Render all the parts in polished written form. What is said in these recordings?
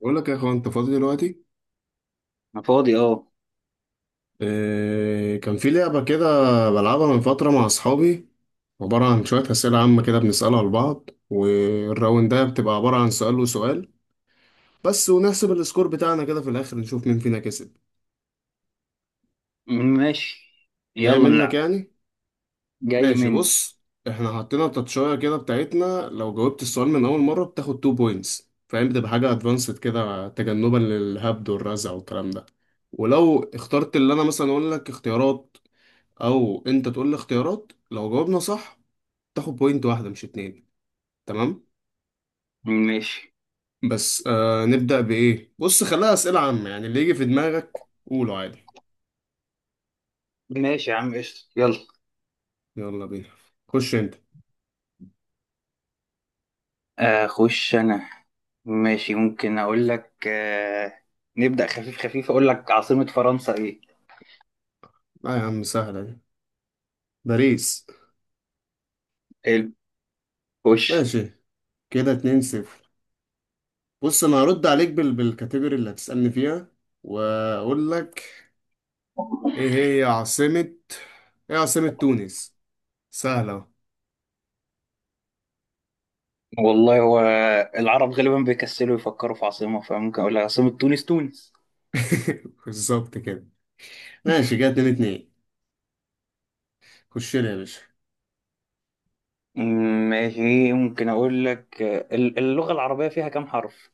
بقول لك يا اخوان، انت فاضي دلوقتي؟ أنا فاضي، أه. إيه، كان في لعبة كده بلعبها من فترة مع اصحابي. عبارة عن شوية أسئلة عامة كده بنسألها لبعض، والراوند ده بتبقى عبارة عن سؤال وسؤال بس، ونحسب السكور بتاعنا كده في الآخر نشوف مين فينا كسب. ماشي، جاي يلا منك نلعب. يعني. جاي ماشي، مني. بص. احنا حطينا التاتشاية كده بتاعتنا، لو جاوبت السؤال من أول مرة بتاخد 2 بوينتس، فاهم؟ بتبقى حاجة ادفانسد كده تجنبا للهبد والرزع والكلام ده. ولو اخترت اللي انا مثلا اقول لك اختيارات، او انت تقول لي اختيارات، لو جاوبنا صح تاخد بوينت واحده مش اتنين. تمام؟ ماشي، بس نبدا بايه. بص، خليها اسئله عامه يعني، اللي يجي في دماغك قوله عادي. ماشي يا عم، قشطة، يلا. يلا بينا، خش انت. أخش أنا. ماشي، ممكن أقول لك، نبدأ خفيف خفيف. أقول لك عاصمة فرنسا إيه؟ لا يا عم، سهله دي. باريس. حلو، خش. ماشي، كده اتنين صفر. بص، انا هرد عليك بالكاتيجوري اللي هتسالني فيها واقول لك ايه. هي عاصمه ايه، عاصمه تونس. سهله أهو. والله، هو العرب غالبا بيكسلوا يفكروا في عاصمة، فممكن أقول لك عاصمة تونس تونس. بالظبط كده. ماشي، كده اتنين اتنين. خش لي يا باشا. ماشي، ممكن أقول لك، اللغة العربية فيها كام حرف؟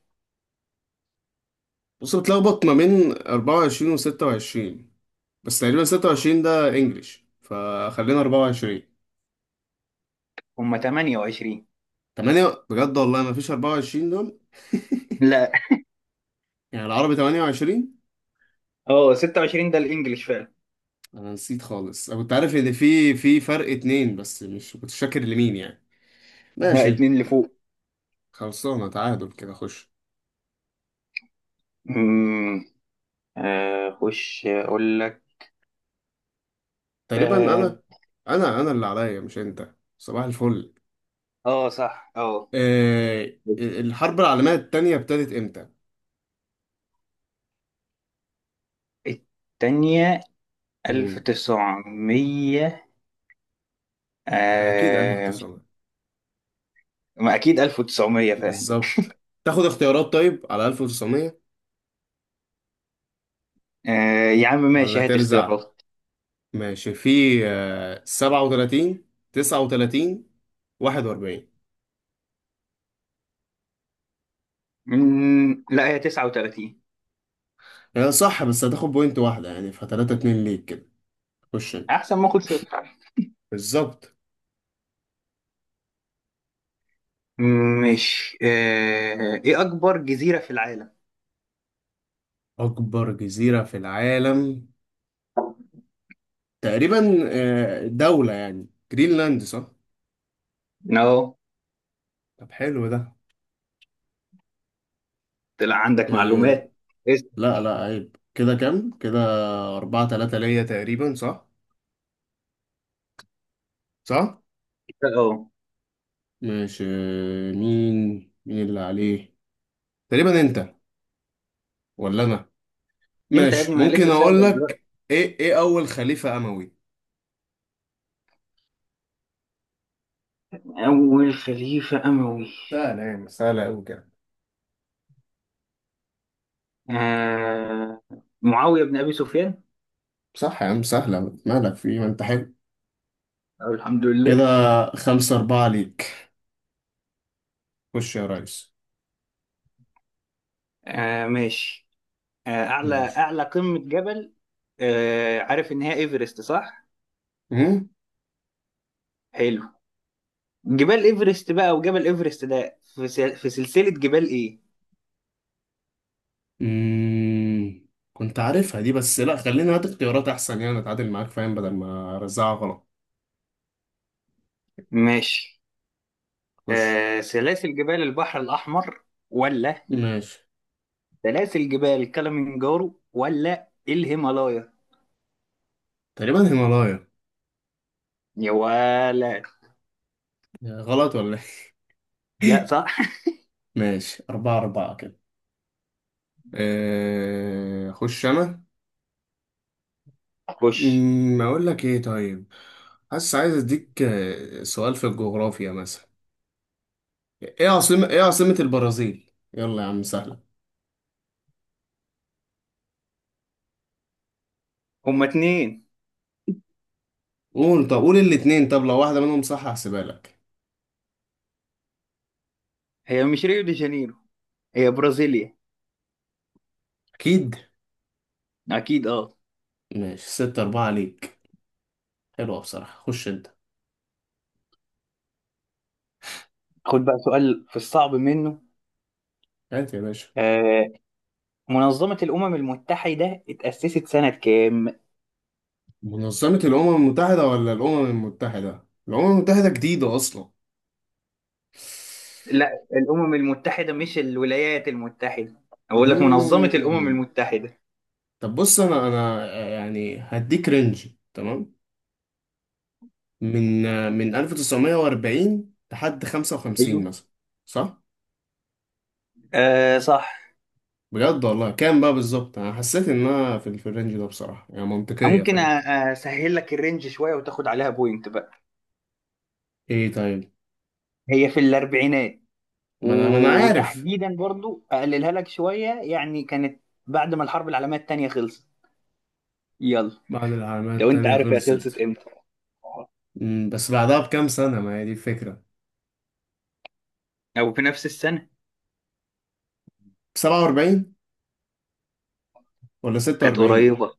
بص، بتلخبط ما بين 24 و 26، بس تقريبا 26 ده انجليش فخلينا 24. هما 28. 8 بجد؟ والله ما فيش 24 دول. لا، يعني العربي 28. اه، 26 ده الإنجليش فعلا. انا نسيت خالص، انا كنت عارف ان في فرق اتنين بس مش كنت فاكر لمين يعني. لا، ماشي، اتنين لفوق. خلصانه تعادل كده، خش. امم. خش اقول لك. تقريبا اه. انا اللي عليا مش انت. صباح الفل. آه، صح، اه. آه الحرب العالميه التانية ابتدت امتى؟ التانية. امم 1900. اكيد آه، 1900. ما أكيد 1900 فاهم. بالظبط، تاخد اختيارات طيب على 1900 آه يا عم، ولا ماشي، هات ترزع؟ اختيارات. ماشي، في 37، 39، 41. لا هي 39. هي صح بس هتاخد بوينت واحدة يعني، ف 3 2 ليك كده. خش انت. أحسن ما أخد صفر. بالظبط. مش آه إيه أكبر جزيرة في العالم؟ أكبر جزيرة في العالم تقريبا دولة يعني، جرينلاند صح؟ أهو. طب حلو ده. طلع عندك آه، معلومات. اسأل. لا لا، عيب. كده كام؟ كده أربعة تلاتة ليا تقريبا صح؟ صح؟ أهو. ماشي. مين اللي عليه؟ تقريبا انت ولا انا؟ أنت يا ابني، ماشي، ما ممكن لسه اقول سائل دلوقتي. لك. ايه، اول خليفة اموي. أول خليفة أموي. سهلة يعني، سهلة أوي كده. آه. معاوية بن أبي سفيان. صح يا عم، سهلة. مالك في إيه؟ ما أنت حلو. أو الحمد كده لله. خمسة أربعة ليك، خش يا ريس. آه، ماشي. آه، أعلى ماشي. أعلى قمة جبل. آه، عارف إن هي إيفرست صح؟ أمم. حلو. جبال إيفرست بقى، وجبل إيفرست ده في سلسلة جبال إيه؟ أمم. كنت عارفها دي بس لا، خلينا هات اختيارات أحسن يعني، أتعادل معاك فاهم، بدل ما أرزعها غلط. ماشي. خش. آه، سلاسل جبال البحر الأحمر؟ ولا ماشي، سلاسل جبال كلمنجارو؟ ولا الهيمالايا؟ تقريبا هيمالايا. يا ولا. غلط ولا؟ لا، إيه؟ صح. ماشي، أربعة أربعة كده. أخش أنا. خش. اقول لك ايه طيب، حاسس عايز اديك سؤال في الجغرافيا مثلا. ايه عاصمة البرازيل، يلا يا عم سهلة. هما اتنين. قول، طب قول الاتنين، طب لو واحدة منهم صح هحسبها لك. هي مش ريو دي جانيرو؟ هي برازيليا. اكيد. أكيد، أه. ماشي، ستة أربعة ليك. حلوة بصراحة، خش انت. خد بقى سؤال في الصعب منه. هات يا باشا. آه، منظمة الأمم المتحدة اتأسست سنة كام؟ منظمة الأمم المتحدة ولا الأمم المتحدة؟ الأمم المتحدة جديدة أصلا. لا، الأمم المتحدة، مش الولايات المتحدة. أقول لك منظمة الأمم أمم. المتحدة. طب بص، أنا يعني هديك رينج، تمام؟ من 1940 لحد ايوه. 55 مثلا صح؟ آه، صح. بجد والله كام بقى بالظبط؟ انا حسيت ان انا في الرينج ده بصراحة يعني، منطقية ممكن فاهم. أسهل لك الرينج شوية، وتاخد عليها بوينت بقى. ايه طيب. هي في الأربعينات. ما انا عارف. وتحديدا برضو أقللها لك شوية، يعني كانت بعد ما الحرب العالمية التانية خلصت. يلا. بعد العالمية لو أنت التانية عارف هي خلصت خلصت. إمتى. بس بعدها بكام سنة، ما هي دي الفكرة. أو في نفس السنة. 47 ولا كانت 46؟ قريبة.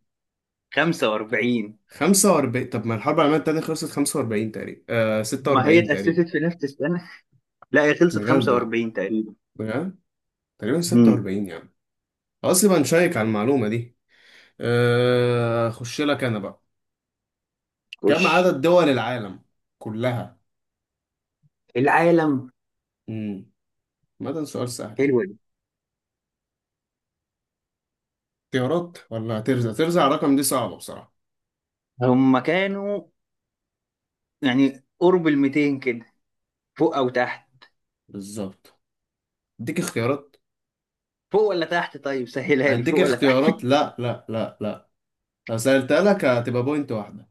45. 45؟ طب ما الحرب العالمية التانية خلصت 45 تقريبا، ما هي 46 اتأسست تقريبا. في نفس السنة. لا، هي خلصت بجد آه. 45 تقريبا. بجد. تقريبا امم. 46 يعني، خلاص يبقى نشيك على المعلومة دي. اخش لك انا بقى. خش. كم عدد دول العالم كلها؟ العالم. امم. ما ده سؤال سهل يعني. حلوة دي. اختيارات ولا ترزع الرقم؟ دي صعبة بصراحة. هم كانوا، يعني، قرب ال 200 كده. فوق أو تحت. بالظبط، اديك اختيارات. فوق ولا تحت؟ طيب، سهلها لي، هديك فوق ولا تحت. اختيارات، لا لا لا لا. لو سألتها لك هتبقى بوينت واحدة،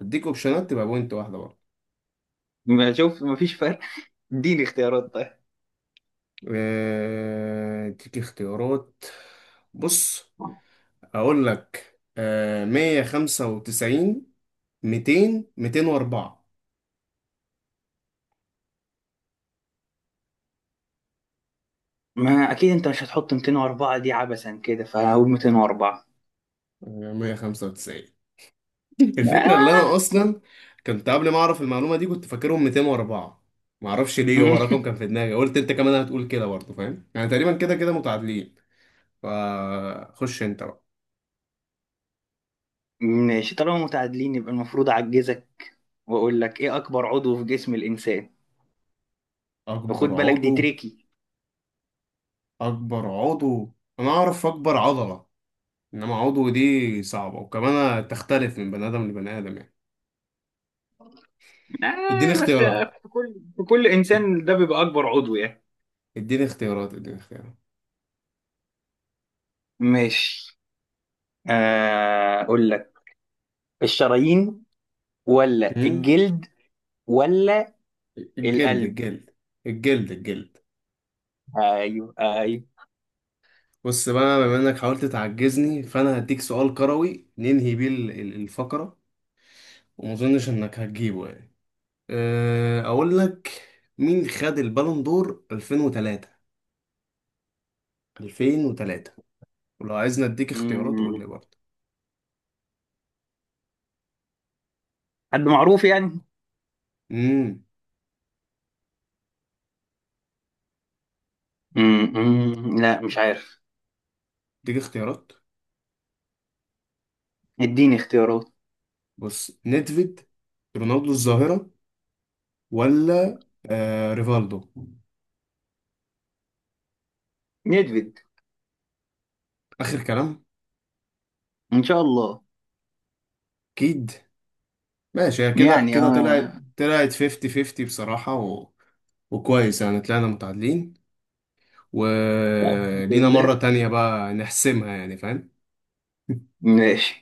اديك اوبشنات تبقى بوينت واحدة برضه. ما شوف، ما فيش فرق. اديني اختيارات طيب. اديك اختيارات. بص، اقول لك 195. 204. ما أكيد أنت مش هتحط 204 دي عبثا كده، فهقول 204. 195. الفكرة اللي أنا آه. أصلا كنت قبل ما أعرف المعلومة دي كنت فاكرهم 204. معرفش ليه، هو رقم كان في دماغي. قلت أنت كمان هتقول كده برضه فاهم، يعني تقريبا كده كده متعادلين. فخش أنت بقى. ماشي، طالما متعادلين يبقى المفروض أعجزك، وأقول لك، إيه أكبر عضو في جسم الإنسان؟ وخد أكبر بالك، دي عضو. تريكي. أكبر عضو. أنا أعرف أكبر عضلة، إنما عضو دي صعبة، وكمان تختلف من بني آدم لبني آدم يعني. إديني آه بس. اختيارات. في كل إد- انسان ده بيبقى اكبر عضو يعني. إديني اختيارات، إديني اختيارات. ماشي. اقول لك الشرايين، ولا أمم؟ الجلد، ولا الجلد، القلب. الجلد. الجلد، الجلد. ايوه، ايوه. بص بقى، بما انك حاولت تعجزني فانا هديك سؤال كروي ننهي بيه الفقرة. وما اظنش انك هتجيبه يعني. اقول لك، مين خد البالون دور 2003؟ 2003. ولو عايزني اديك اختيارات قول لي مم. برضه. حد معروف يعني. امم. لا، مش عارف. اديك اختيارات. اديني اختيارات. بص، نيدفيد، رونالدو الظاهرة، ولا ريفالدو؟ نكذب. اخر كلام. ان شاء الله. اكيد. ماشي، هي كده يعني اه، كده طلعت، لا. 50 50 بصراحة وكويس يعني، طلعنا متعادلين. الحمد ولينا لله. مرة تانية بقى نحسمها يعني فاهم. ماشي.